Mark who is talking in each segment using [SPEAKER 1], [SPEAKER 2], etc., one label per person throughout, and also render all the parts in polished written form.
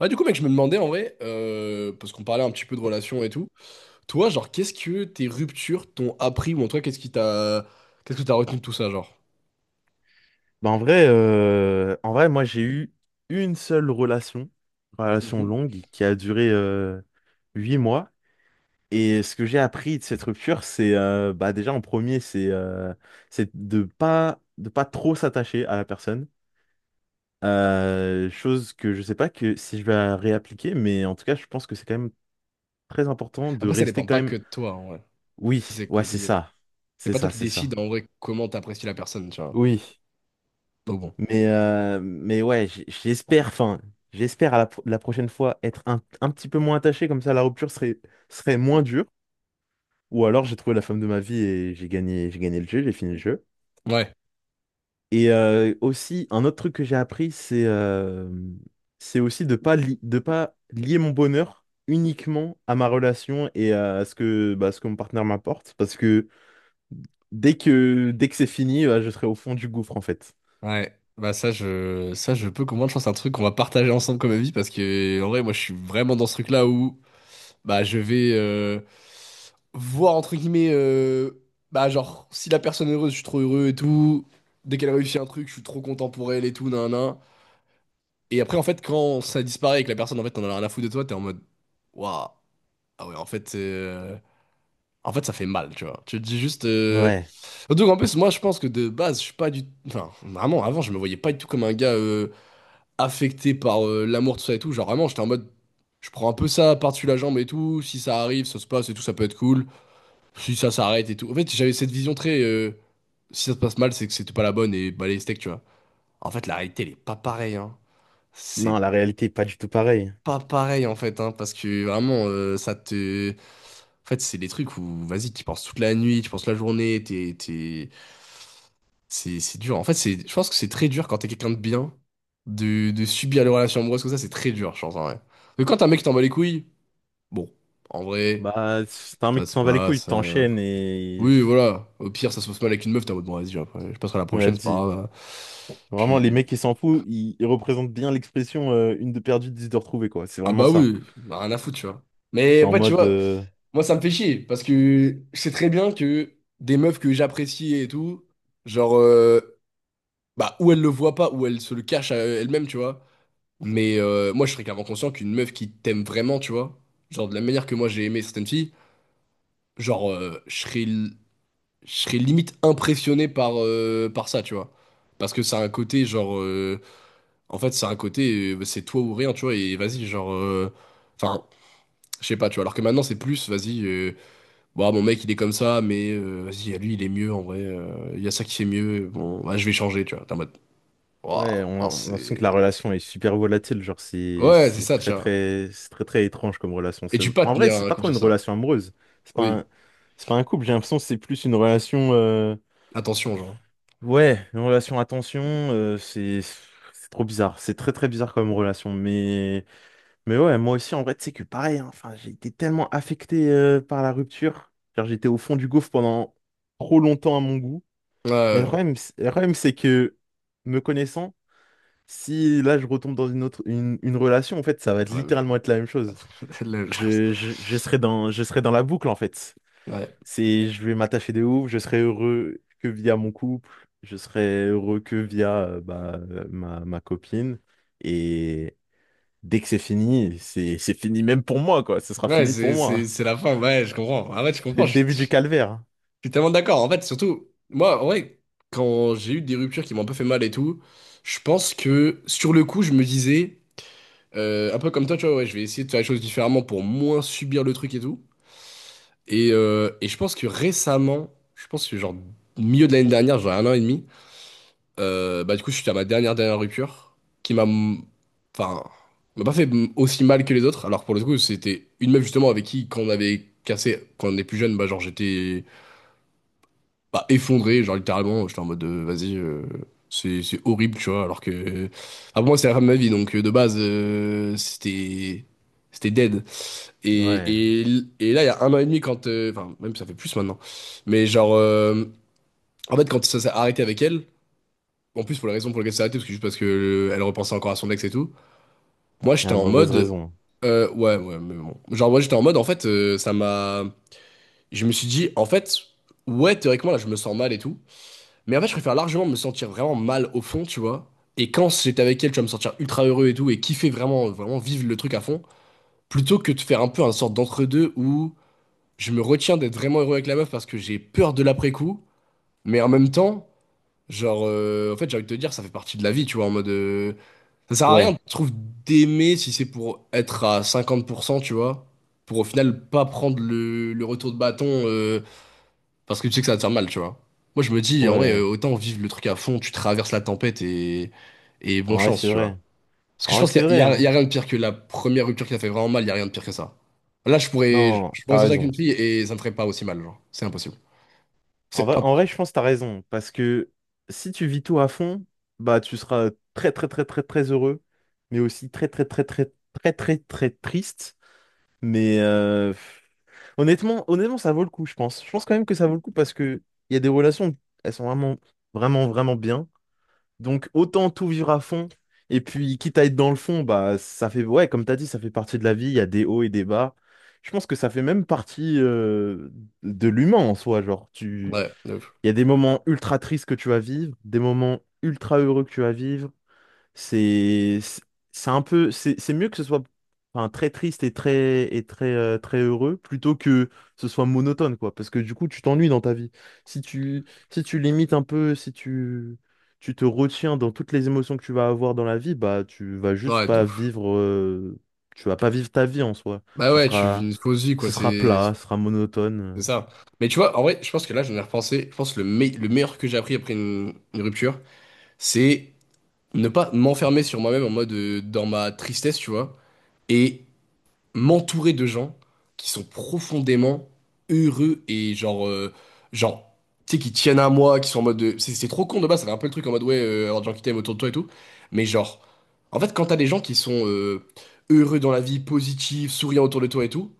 [SPEAKER 1] Ouais, du coup, mec, je me demandais en vrai, parce qu'on parlait un petit peu de relations et tout, toi, genre, qu'est-ce que tes ruptures t'ont appris, ou en toi, qu'est-ce que t'as retenu de tout ça, genre?
[SPEAKER 2] Bah, en vrai, moi j'ai eu une seule relation
[SPEAKER 1] Mhm.
[SPEAKER 2] longue, qui a duré 8 mois. Et ce que j'ai appris de cette rupture, c'est bah, déjà en premier, c'est de pas trop s'attacher à la personne. Chose que je sais pas que si je vais la réappliquer, mais en tout cas, je pense que c'est quand même très important de
[SPEAKER 1] Après, ça
[SPEAKER 2] rester
[SPEAKER 1] dépend
[SPEAKER 2] quand
[SPEAKER 1] pas
[SPEAKER 2] même.
[SPEAKER 1] que de toi, en vrai.
[SPEAKER 2] Oui,
[SPEAKER 1] C'est
[SPEAKER 2] ouais, c'est
[SPEAKER 1] compliqué.
[SPEAKER 2] ça,
[SPEAKER 1] C'est
[SPEAKER 2] c'est
[SPEAKER 1] pas toi
[SPEAKER 2] ça,
[SPEAKER 1] qui
[SPEAKER 2] c'est ça.
[SPEAKER 1] décides, en vrai, comment t'apprécies la personne, tu vois.
[SPEAKER 2] Oui.
[SPEAKER 1] Donc bon.
[SPEAKER 2] Mais ouais, j'espère, enfin, j'espère la prochaine fois être un petit peu moins attaché, comme ça la rupture serait moins dure. Ou alors j'ai trouvé la femme de ma vie et j'ai gagné le jeu, j'ai fini le jeu.
[SPEAKER 1] Ouais,
[SPEAKER 2] Et aussi, un autre truc que j'ai appris, c'est aussi de pas lier mon bonheur uniquement à ma relation et à ce que mon partenaire m'apporte. Parce que dès que c'est fini, bah, je serai au fond du gouffre, en fait.
[SPEAKER 1] ouais. Bah ça, ça, je peux comprendre. Je pense que c'est un truc qu'on va partager ensemble comme avis, parce que, en vrai, moi, je suis vraiment dans ce truc-là où bah, je vais voir, entre guillemets, bah, genre, si la personne est heureuse, je suis trop heureux et tout. Dès qu'elle réussit un truc, je suis trop content pour elle et tout, nan, nan. Et après, en fait, quand ça disparaît et que la personne, en fait, t'en a rien à foutre de toi, t'es en mode, waouh, ah ouais, en fait, ça fait mal, tu vois. Tu te dis juste.
[SPEAKER 2] Ouais.
[SPEAKER 1] Surtout qu'en plus, moi, je pense que de base, je suis pas du. Enfin, vraiment, avant, je me voyais pas du tout comme un gars affecté par l'amour, tout ça et tout. Genre, vraiment, j'étais en mode. Je prends un peu ça par-dessus la jambe et tout. Si ça arrive, ça se passe et tout, ça peut être cool. Si ça s'arrête et tout. En fait, j'avais cette vision très. Si ça se passe mal, c'est que c'était pas la bonne et bah les steaks, tu vois. En fait, la réalité, elle est pas pareille, hein. C'est
[SPEAKER 2] Non, la réalité est pas du tout pareille.
[SPEAKER 1] pas pareil, en fait, hein, parce que vraiment, ça te. En fait, c'est des trucs où, vas-y, tu penses toute la nuit, tu penses la journée, t'es. C'est dur. En fait, c'est, je pense que c'est très dur quand t'es quelqu'un de bien, de subir les relations amoureuses comme ça, c'est très dur, je pense, en vrai. Mais quand t'as un mec qui t'en bat les couilles, bon, en vrai,
[SPEAKER 2] Bah, c'est un
[SPEAKER 1] ça
[SPEAKER 2] mec qui
[SPEAKER 1] se
[SPEAKER 2] s'en bat les couilles, il
[SPEAKER 1] passe.
[SPEAKER 2] t'enchaîne.
[SPEAKER 1] Oui, voilà. Au pire, ça se passe mal avec une meuf, t'es en mode, bon, vas-y, après, je passerai à la prochaine, c'est pas
[SPEAKER 2] Vas-y.
[SPEAKER 1] grave.
[SPEAKER 2] Vraiment, les
[SPEAKER 1] Puis,
[SPEAKER 2] mecs qui s'en foutent, ils représentent bien l'expression une de perdue, dix de retrouvée, quoi. C'est
[SPEAKER 1] ah
[SPEAKER 2] vraiment
[SPEAKER 1] bah
[SPEAKER 2] ça.
[SPEAKER 1] oui, on a rien à foutre, tu vois. Mais
[SPEAKER 2] C'est en
[SPEAKER 1] ouais, tu
[SPEAKER 2] mode...
[SPEAKER 1] vois,
[SPEAKER 2] euh,
[SPEAKER 1] moi, ça me fait chier, parce que je sais très bien que des meufs que j'apprécie et tout, genre, bah, ou elles le voient pas, ou elles se le cachent à elles-mêmes, tu vois. Mais moi, je serais clairement conscient qu'une meuf qui t'aime vraiment, tu vois, genre, de la manière que moi, j'ai aimé certaines filles, genre, je serais limite impressionné par, par ça, tu vois. Parce que ça a un côté, genre. En fait, c'est un côté, c'est toi ou rien, tu vois, et vas-y, genre. Enfin, je sais pas, tu vois, alors que maintenant, c'est plus, vas-y, bon, ah, mon mec, il est comme ça, mais vas-y, à lui, il est mieux, en vrai, il y a ça qui fait mieux, bon, bah, je vais changer, tu vois, t'es en mode. Waouh,
[SPEAKER 2] Ouais, on a on
[SPEAKER 1] alors
[SPEAKER 2] a l'impression que la
[SPEAKER 1] c'est.
[SPEAKER 2] relation est super volatile. Genre, c'est
[SPEAKER 1] Ouais, c'est
[SPEAKER 2] c'est
[SPEAKER 1] ça, tu
[SPEAKER 2] très,
[SPEAKER 1] vois.
[SPEAKER 2] très. C'est très, très étrange comme relation.
[SPEAKER 1] Et tu peux pas
[SPEAKER 2] En vrai,
[SPEAKER 1] tenir
[SPEAKER 2] c'est
[SPEAKER 1] un
[SPEAKER 2] pas
[SPEAKER 1] couple
[SPEAKER 2] trop
[SPEAKER 1] sur
[SPEAKER 2] une
[SPEAKER 1] ça.
[SPEAKER 2] relation amoureuse. C'est pas
[SPEAKER 1] Oui,
[SPEAKER 2] un. C'est pas un couple, j'ai l'impression que c'est plus une relation.
[SPEAKER 1] attention, genre.
[SPEAKER 2] Ouais, une relation à tension, c'est. C'est trop bizarre. C'est très, très bizarre comme relation, mais. Mais ouais, moi aussi, en vrai, tu sais que pareil, hein, enfin, j'ai été tellement affecté par la rupture. Genre, j'étais au fond du gouffre pendant trop longtemps à mon goût.
[SPEAKER 1] Ouais,
[SPEAKER 2] Mais le
[SPEAKER 1] ouais,
[SPEAKER 2] problème, c'est- le problème, c'est que, me connaissant, si là, je retombe dans une autre, une relation, en fait, ça va être
[SPEAKER 1] enfin, la même chose.
[SPEAKER 2] littéralement être la même chose.
[SPEAKER 1] La même chose.
[SPEAKER 2] Je serai dans la boucle, en fait.
[SPEAKER 1] Ouais.
[SPEAKER 2] C'est, je vais m'attacher de ouf, je serai heureux que via mon couple, je serai heureux que via bah, ma copine. Dès que c'est fini, c'est fini même pour moi, quoi. Ce sera
[SPEAKER 1] Ouais,
[SPEAKER 2] fini pour moi.
[SPEAKER 1] c'est la fin, ouais, je comprends. Ah ouais, tu
[SPEAKER 2] C'est
[SPEAKER 1] comprends,
[SPEAKER 2] le
[SPEAKER 1] je suis.
[SPEAKER 2] début du calvaire.
[SPEAKER 1] Je suis tellement d'accord. En fait, surtout, moi, en vrai, quand j'ai eu des ruptures qui m'ont un peu fait mal et tout, je pense que sur le coup, je me disais, un peu comme toi, tu vois, ouais, je vais essayer de faire les choses différemment pour moins subir le truc et tout. Et je pense que récemment, je pense que genre milieu de l'année dernière, genre un an et demi, bah du coup, je suis à ma dernière dernière rupture qui m'a, enfin, m'a pas fait aussi mal que les autres. Alors pour le coup, c'était une meuf justement avec qui, quand on avait cassé, quand on est plus jeune, bah genre j'étais bah, effondré, genre littéralement, j'étais en mode vas-y, c'est horrible, tu vois, alors que ah, pour moi c'est la femme de ma vie, donc de base c'était dead.
[SPEAKER 2] Ouais.
[SPEAKER 1] Et, et, et là il y a un an et demi quand enfin même ça fait plus maintenant, mais genre en fait quand ça s'est arrêté avec elle, en plus pour la raison pour laquelle ça s'est arrêté, parce que juste parce que elle repensait encore à son ex et tout, moi
[SPEAKER 2] Il y a
[SPEAKER 1] j'étais
[SPEAKER 2] une
[SPEAKER 1] en
[SPEAKER 2] mauvaise
[SPEAKER 1] mode
[SPEAKER 2] raison.
[SPEAKER 1] ouais ouais mais bon, genre moi j'étais en mode en fait ça m'a, je me suis dit en fait ouais théoriquement là je me sens mal et tout. Mais en fait, je préfère largement me sentir vraiment mal au fond, tu vois. Et quand j'étais avec elle, tu vas me sentir ultra heureux et tout, et kiffer vraiment, vraiment vivre le truc à fond, plutôt que de faire un peu un sorte d'entre-deux où je me retiens d'être vraiment heureux avec la meuf parce que j'ai peur de l'après-coup, mais en même temps, genre, en fait, j'ai envie de te dire, ça fait partie de la vie, tu vois, en mode. Ça sert à rien,
[SPEAKER 2] Ouais.
[SPEAKER 1] je trouve, d'aimer si c'est pour être à 50%, tu vois, pour au final pas prendre le retour de bâton parce que tu sais que ça va te faire mal, tu vois. Moi, je me dis, en vrai,
[SPEAKER 2] Ouais.
[SPEAKER 1] autant vivre le truc à fond, tu traverses la tempête et bonne
[SPEAKER 2] En vrai,
[SPEAKER 1] chance,
[SPEAKER 2] c'est
[SPEAKER 1] tu vois.
[SPEAKER 2] vrai.
[SPEAKER 1] Parce que
[SPEAKER 2] En
[SPEAKER 1] je
[SPEAKER 2] vrai,
[SPEAKER 1] pense qu'il
[SPEAKER 2] c'est
[SPEAKER 1] y a, il y
[SPEAKER 2] vrai,
[SPEAKER 1] a- il y
[SPEAKER 2] hein.
[SPEAKER 1] a rien de pire que la première rupture qui t'a fait vraiment mal, il y a rien de pire que ça. Là, je pourrais,
[SPEAKER 2] Non,
[SPEAKER 1] je
[SPEAKER 2] t'as
[SPEAKER 1] pourrais sortir avec une
[SPEAKER 2] raison.
[SPEAKER 1] fille et ça me ferait pas aussi mal, genre. C'est impossible.
[SPEAKER 2] En
[SPEAKER 1] C'est
[SPEAKER 2] vrai, en
[SPEAKER 1] impossible.
[SPEAKER 2] vrai, je pense que t'as raison. Parce que si tu vis tout à fond, bah tu seras très très très très très heureux. Mais aussi très très très très très très très triste. Mais euh, pff, Honnêtement, honnêtement, ça vaut le coup, je pense. Je pense quand même que ça vaut le coup parce que il y a des relations, elles sont vraiment, vraiment, vraiment bien. Donc autant tout vivre à fond. Et puis, quitte à être dans le fond, bah ça fait, ouais, comme t'as dit, ça fait partie de la vie, il y a des hauts et des bas. Je pense que ça fait même partie de l'humain en soi. Genre, tu.
[SPEAKER 1] Ouais, de ouf.
[SPEAKER 2] Il y a des moments ultra tristes que tu vas vivre, des moments ultra heureux que tu vas vivre, c'est c'est c'est un peu c'est mieux que ce soit enfin, très triste et très heureux plutôt que ce soit monotone quoi parce que du coup tu t'ennuies dans ta vie. Si tu si tu limites un peu, si tu te retiens dans toutes les émotions que tu vas avoir dans la vie, bah tu vas juste
[SPEAKER 1] Ouais, de
[SPEAKER 2] pas
[SPEAKER 1] ouf.
[SPEAKER 2] vivre tu vas pas vivre ta vie en soi.
[SPEAKER 1] Bah
[SPEAKER 2] Tu
[SPEAKER 1] ouais, tu vis
[SPEAKER 2] seras
[SPEAKER 1] une fausse vie, quoi,
[SPEAKER 2] ce sera plat, ce sera
[SPEAKER 1] c'est
[SPEAKER 2] monotone.
[SPEAKER 1] ça. Mais tu vois, en vrai, je pense que là, j'en ai repensé. Je pense que le meilleur que j'ai appris après une rupture, c'est ne pas m'enfermer sur moi-même en mode dans ma tristesse, tu vois. Et m'entourer de gens qui sont profondément heureux et genre, genre, tu sais, qui tiennent à moi, qui sont en mode. C'est trop con de base, ça fait un peu le truc en mode ouais, avoir des gens qui t'aiment autour de toi et tout. Mais genre, en fait, quand t'as des gens qui sont heureux dans la vie, positifs, souriants autour de toi et tout,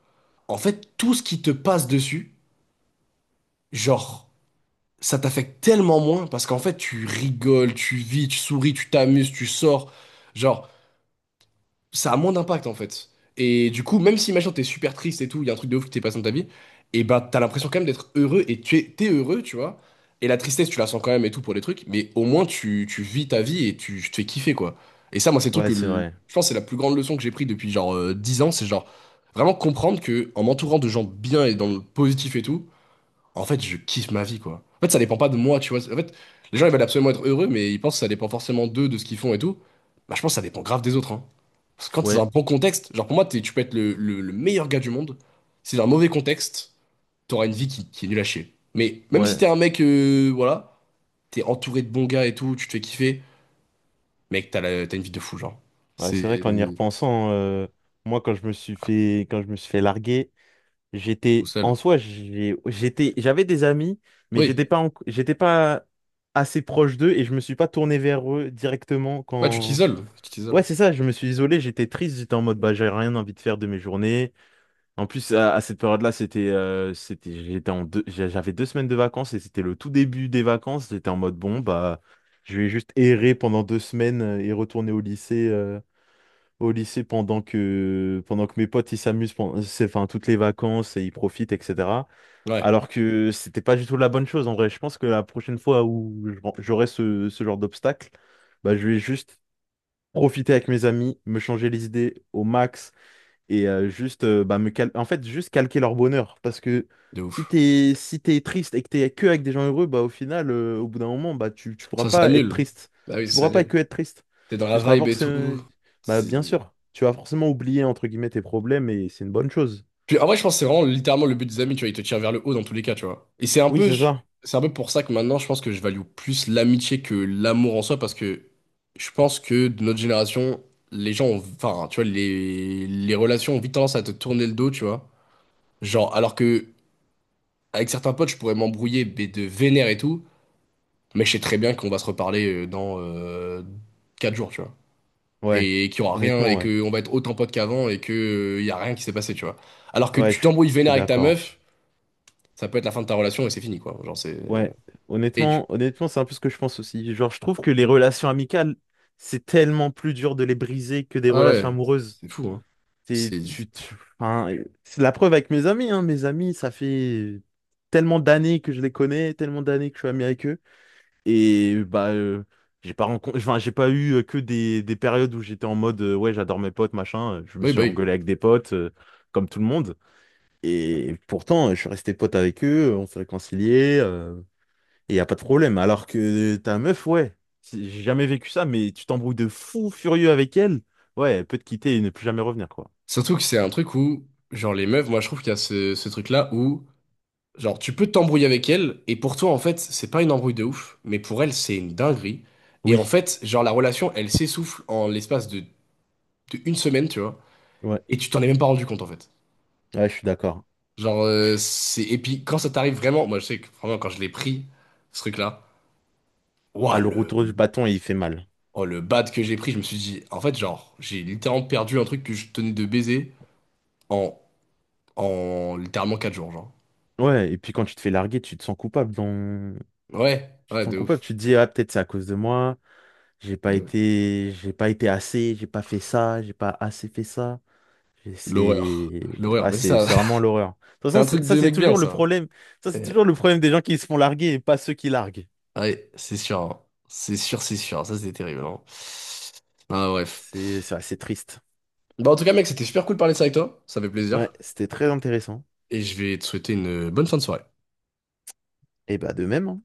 [SPEAKER 1] en fait, tout ce qui te passe dessus, genre, ça t'affecte tellement moins parce qu'en fait, tu rigoles, tu vis, tu souris, tu t'amuses, tu sors. Genre, ça a moins d'impact en fait. Et du coup, même si imagine t'es super triste et tout, il y a un truc de ouf qui t'est passé dans ta vie, et bah t'as l'impression quand même d'être heureux et t'es heureux, tu vois. Et la tristesse, tu la sens quand même et tout pour les trucs, mais au moins tu vis ta vie et tu te fais kiffer quoi. Et ça, moi, c'est le truc
[SPEAKER 2] Ouais, c'est vrai.
[SPEAKER 1] je pense que c'est la plus grande leçon que j'ai pris depuis genre 10 ans, c'est genre vraiment comprendre que en m'entourant de gens bien et dans le positif et tout, en fait, je kiffe ma vie, quoi. En fait, ça dépend pas de moi, tu vois. En fait, les gens, ils veulent absolument être heureux, mais ils pensent que ça dépend forcément d'eux, de ce qu'ils font et tout. Bah, je pense que ça dépend grave des autres, hein. Parce que quand c'est dans un
[SPEAKER 2] Ouais,
[SPEAKER 1] bon contexte, genre pour moi, tu peux être le, le meilleur gars du monde. Si c'est dans un mauvais contexte, t'auras une vie qui est nulle à chier. Mais même si
[SPEAKER 2] ouais.
[SPEAKER 1] t'es un mec, voilà, t'es entouré de bons gars et tout, tu te fais kiffer, mec, t'as une vie de fou, genre.
[SPEAKER 2] Ouais, c'est vrai
[SPEAKER 1] C'est
[SPEAKER 2] qu'en y repensant, moi quand je me suis fait quand je me suis fait larguer.
[SPEAKER 1] tout
[SPEAKER 2] J'étais
[SPEAKER 1] seul.
[SPEAKER 2] en soi, j'avais des amis, mais j'étais
[SPEAKER 1] Oui.
[SPEAKER 2] pas, en- j'étais pas assez proche d'eux et je me suis pas tourné vers eux directement
[SPEAKER 1] Bah, tu
[SPEAKER 2] quand.
[SPEAKER 1] t'isoles. Tu
[SPEAKER 2] Ouais,
[SPEAKER 1] t'isoles.
[SPEAKER 2] c'est ça, je me suis isolé, j'étais triste, j'étais en mode bah j'ai rien envie de faire de mes journées. En plus, à cette période-là, c'était, j'avais 2 semaines de vacances et c'était le tout début des vacances. J'étais en mode bon bah je vais juste errer pendant 2 semaines et retourner au lycée pendant que mes potes ils s'amusent pendant c'est- enfin toutes les vacances et ils profitent etc
[SPEAKER 1] Ouais.
[SPEAKER 2] alors que c'était pas du tout la bonne chose en vrai. Je pense que la prochaine fois où j'aurai ce genre d'obstacle, bah, je vais juste profiter avec mes amis, me changer les idées au max et juste bah, en fait juste calquer leur bonheur. Parce que
[SPEAKER 1] De
[SPEAKER 2] si
[SPEAKER 1] ouf.
[SPEAKER 2] t'es si t'es triste et que t'es que avec des gens heureux, bah au final, au bout d'un moment, bah tu pourras
[SPEAKER 1] Ça
[SPEAKER 2] pas être
[SPEAKER 1] annule.
[SPEAKER 2] triste.
[SPEAKER 1] Bah oui,
[SPEAKER 2] Tu
[SPEAKER 1] ça
[SPEAKER 2] pourras pas
[SPEAKER 1] annule.
[SPEAKER 2] que être triste.
[SPEAKER 1] T'es dans la
[SPEAKER 2] Tu seras
[SPEAKER 1] vibe et tout.
[SPEAKER 2] forcément bah bien
[SPEAKER 1] C'est-
[SPEAKER 2] sûr, tu vas forcément oublier entre guillemets tes problèmes et c'est une bonne chose.
[SPEAKER 1] Puis en vrai, je pense que c'est vraiment littéralement le but des amis, tu vois. Ils te tirent vers le haut dans tous les cas, tu vois. Et
[SPEAKER 2] Oui, c'est ça.
[SPEAKER 1] c'est un peu pour ça que maintenant, je pense que je value plus l'amitié que l'amour en soi, parce que je pense que de notre génération, les gens ont, enfin, tu vois, les relations ont vite tendance à te tourner le dos, tu vois. Genre, alors que avec certains potes, je pourrais m'embrouiller, mais de vénère et tout, mais je sais très bien qu'on va se reparler dans 4 jours, tu vois.
[SPEAKER 2] Ouais,
[SPEAKER 1] Et qu'il y aura rien
[SPEAKER 2] honnêtement,
[SPEAKER 1] et
[SPEAKER 2] ouais.
[SPEAKER 1] que on va être autant potes qu'avant et que y a rien qui s'est passé, tu vois. Alors que
[SPEAKER 2] Ouais,
[SPEAKER 1] tu
[SPEAKER 2] je,
[SPEAKER 1] t'embrouilles
[SPEAKER 2] je suis
[SPEAKER 1] vénère avec ta
[SPEAKER 2] d'accord.
[SPEAKER 1] meuf, ça peut être la fin de ta relation et c'est fini, quoi. Genre c'est
[SPEAKER 2] Ouais,
[SPEAKER 1] et tu.
[SPEAKER 2] honnêtement, honnêtement, c'est un peu ce que je pense aussi. Genre, je trouve que les relations amicales, c'est tellement plus dur de les briser que des
[SPEAKER 1] Ah
[SPEAKER 2] relations
[SPEAKER 1] ouais,
[SPEAKER 2] amoureuses.
[SPEAKER 1] c'est fou, hein.
[SPEAKER 2] C'est
[SPEAKER 1] C'est
[SPEAKER 2] tu, tu- enfin, c'est la preuve avec mes amis, hein. Mes amis, ça fait tellement d'années que je les connais, tellement d'années que je suis ami avec eux. Et bah, j'ai pas rencontré, enfin, j'ai pas eu que des périodes où j'étais en mode, ouais, j'adore mes potes, machin. Je me
[SPEAKER 1] oui,
[SPEAKER 2] suis
[SPEAKER 1] bah oui.
[SPEAKER 2] engueulé avec des potes, comme tout le monde. Et pourtant, je suis resté pote avec eux, on s'est réconciliés, et y a pas de problème. Alors que ta meuf, ouais, j'ai jamais vécu ça, mais tu t'embrouilles de fou furieux avec elle, ouais, elle peut te quitter et ne plus jamais revenir, quoi.
[SPEAKER 1] Surtout que c'est un truc où genre les meufs, moi je trouve qu'il y a ce truc-là où genre tu peux t'embrouiller avec elle et pour toi en fait, c'est pas une embrouille de ouf, mais pour elle, c'est une dinguerie. Et
[SPEAKER 2] Oui,
[SPEAKER 1] en fait, genre la relation, elle s'essouffle en l'espace de une semaine, tu vois.
[SPEAKER 2] ouais,
[SPEAKER 1] Et tu t'en es même pas rendu compte en fait.
[SPEAKER 2] ouais, je suis d'accord.
[SPEAKER 1] Genre, c'est. Et puis, quand ça t'arrive vraiment. Moi, je sais que vraiment, quand je l'ai pris, ce truc-là.
[SPEAKER 2] Ah,
[SPEAKER 1] Ouah,
[SPEAKER 2] le
[SPEAKER 1] le.
[SPEAKER 2] retour du bâton, il fait mal.
[SPEAKER 1] Oh, le bad que j'ai pris, je me suis dit. En fait, genre, j'ai littéralement perdu un truc que je tenais de baiser en. En littéralement 4 jours, genre.
[SPEAKER 2] Ouais, et puis quand tu te fais larguer, tu te sens coupable dans.
[SPEAKER 1] Ouais,
[SPEAKER 2] Tu te
[SPEAKER 1] ouais,
[SPEAKER 2] sens
[SPEAKER 1] de
[SPEAKER 2] coupable,
[SPEAKER 1] ouf.
[SPEAKER 2] tu te dis, ah, peut-être c'est à cause de moi, j'ai pas
[SPEAKER 1] De ouf.
[SPEAKER 2] été, j'ai pas été assez, j'ai pas fait ça, j'ai pas assez fait ça. Et
[SPEAKER 1] L'horreur.
[SPEAKER 2] C'est
[SPEAKER 1] L'horreur.
[SPEAKER 2] ah,
[SPEAKER 1] Mais ça,
[SPEAKER 2] c'est vraiment l'horreur. De toute
[SPEAKER 1] c'est
[SPEAKER 2] façon,
[SPEAKER 1] un truc
[SPEAKER 2] ça
[SPEAKER 1] de
[SPEAKER 2] c'est
[SPEAKER 1] mec bien,
[SPEAKER 2] toujours le
[SPEAKER 1] ça.
[SPEAKER 2] problème. Ça c'est
[SPEAKER 1] Ouais,
[SPEAKER 2] toujours le problème des gens qui se font larguer et pas ceux qui larguent.
[SPEAKER 1] ouais, c'est sûr, hein. C'est sûr, c'est sûr. Ça, c'était terrible, hein. Ah, bref.
[SPEAKER 2] C'est assez triste.
[SPEAKER 1] Bah, en tout cas, mec, c'était super cool de parler de ça avec toi. Ça fait
[SPEAKER 2] Ouais,
[SPEAKER 1] plaisir.
[SPEAKER 2] c'était très intéressant.
[SPEAKER 1] Et je vais te souhaiter une bonne fin de soirée.
[SPEAKER 2] Et bah de même, hein.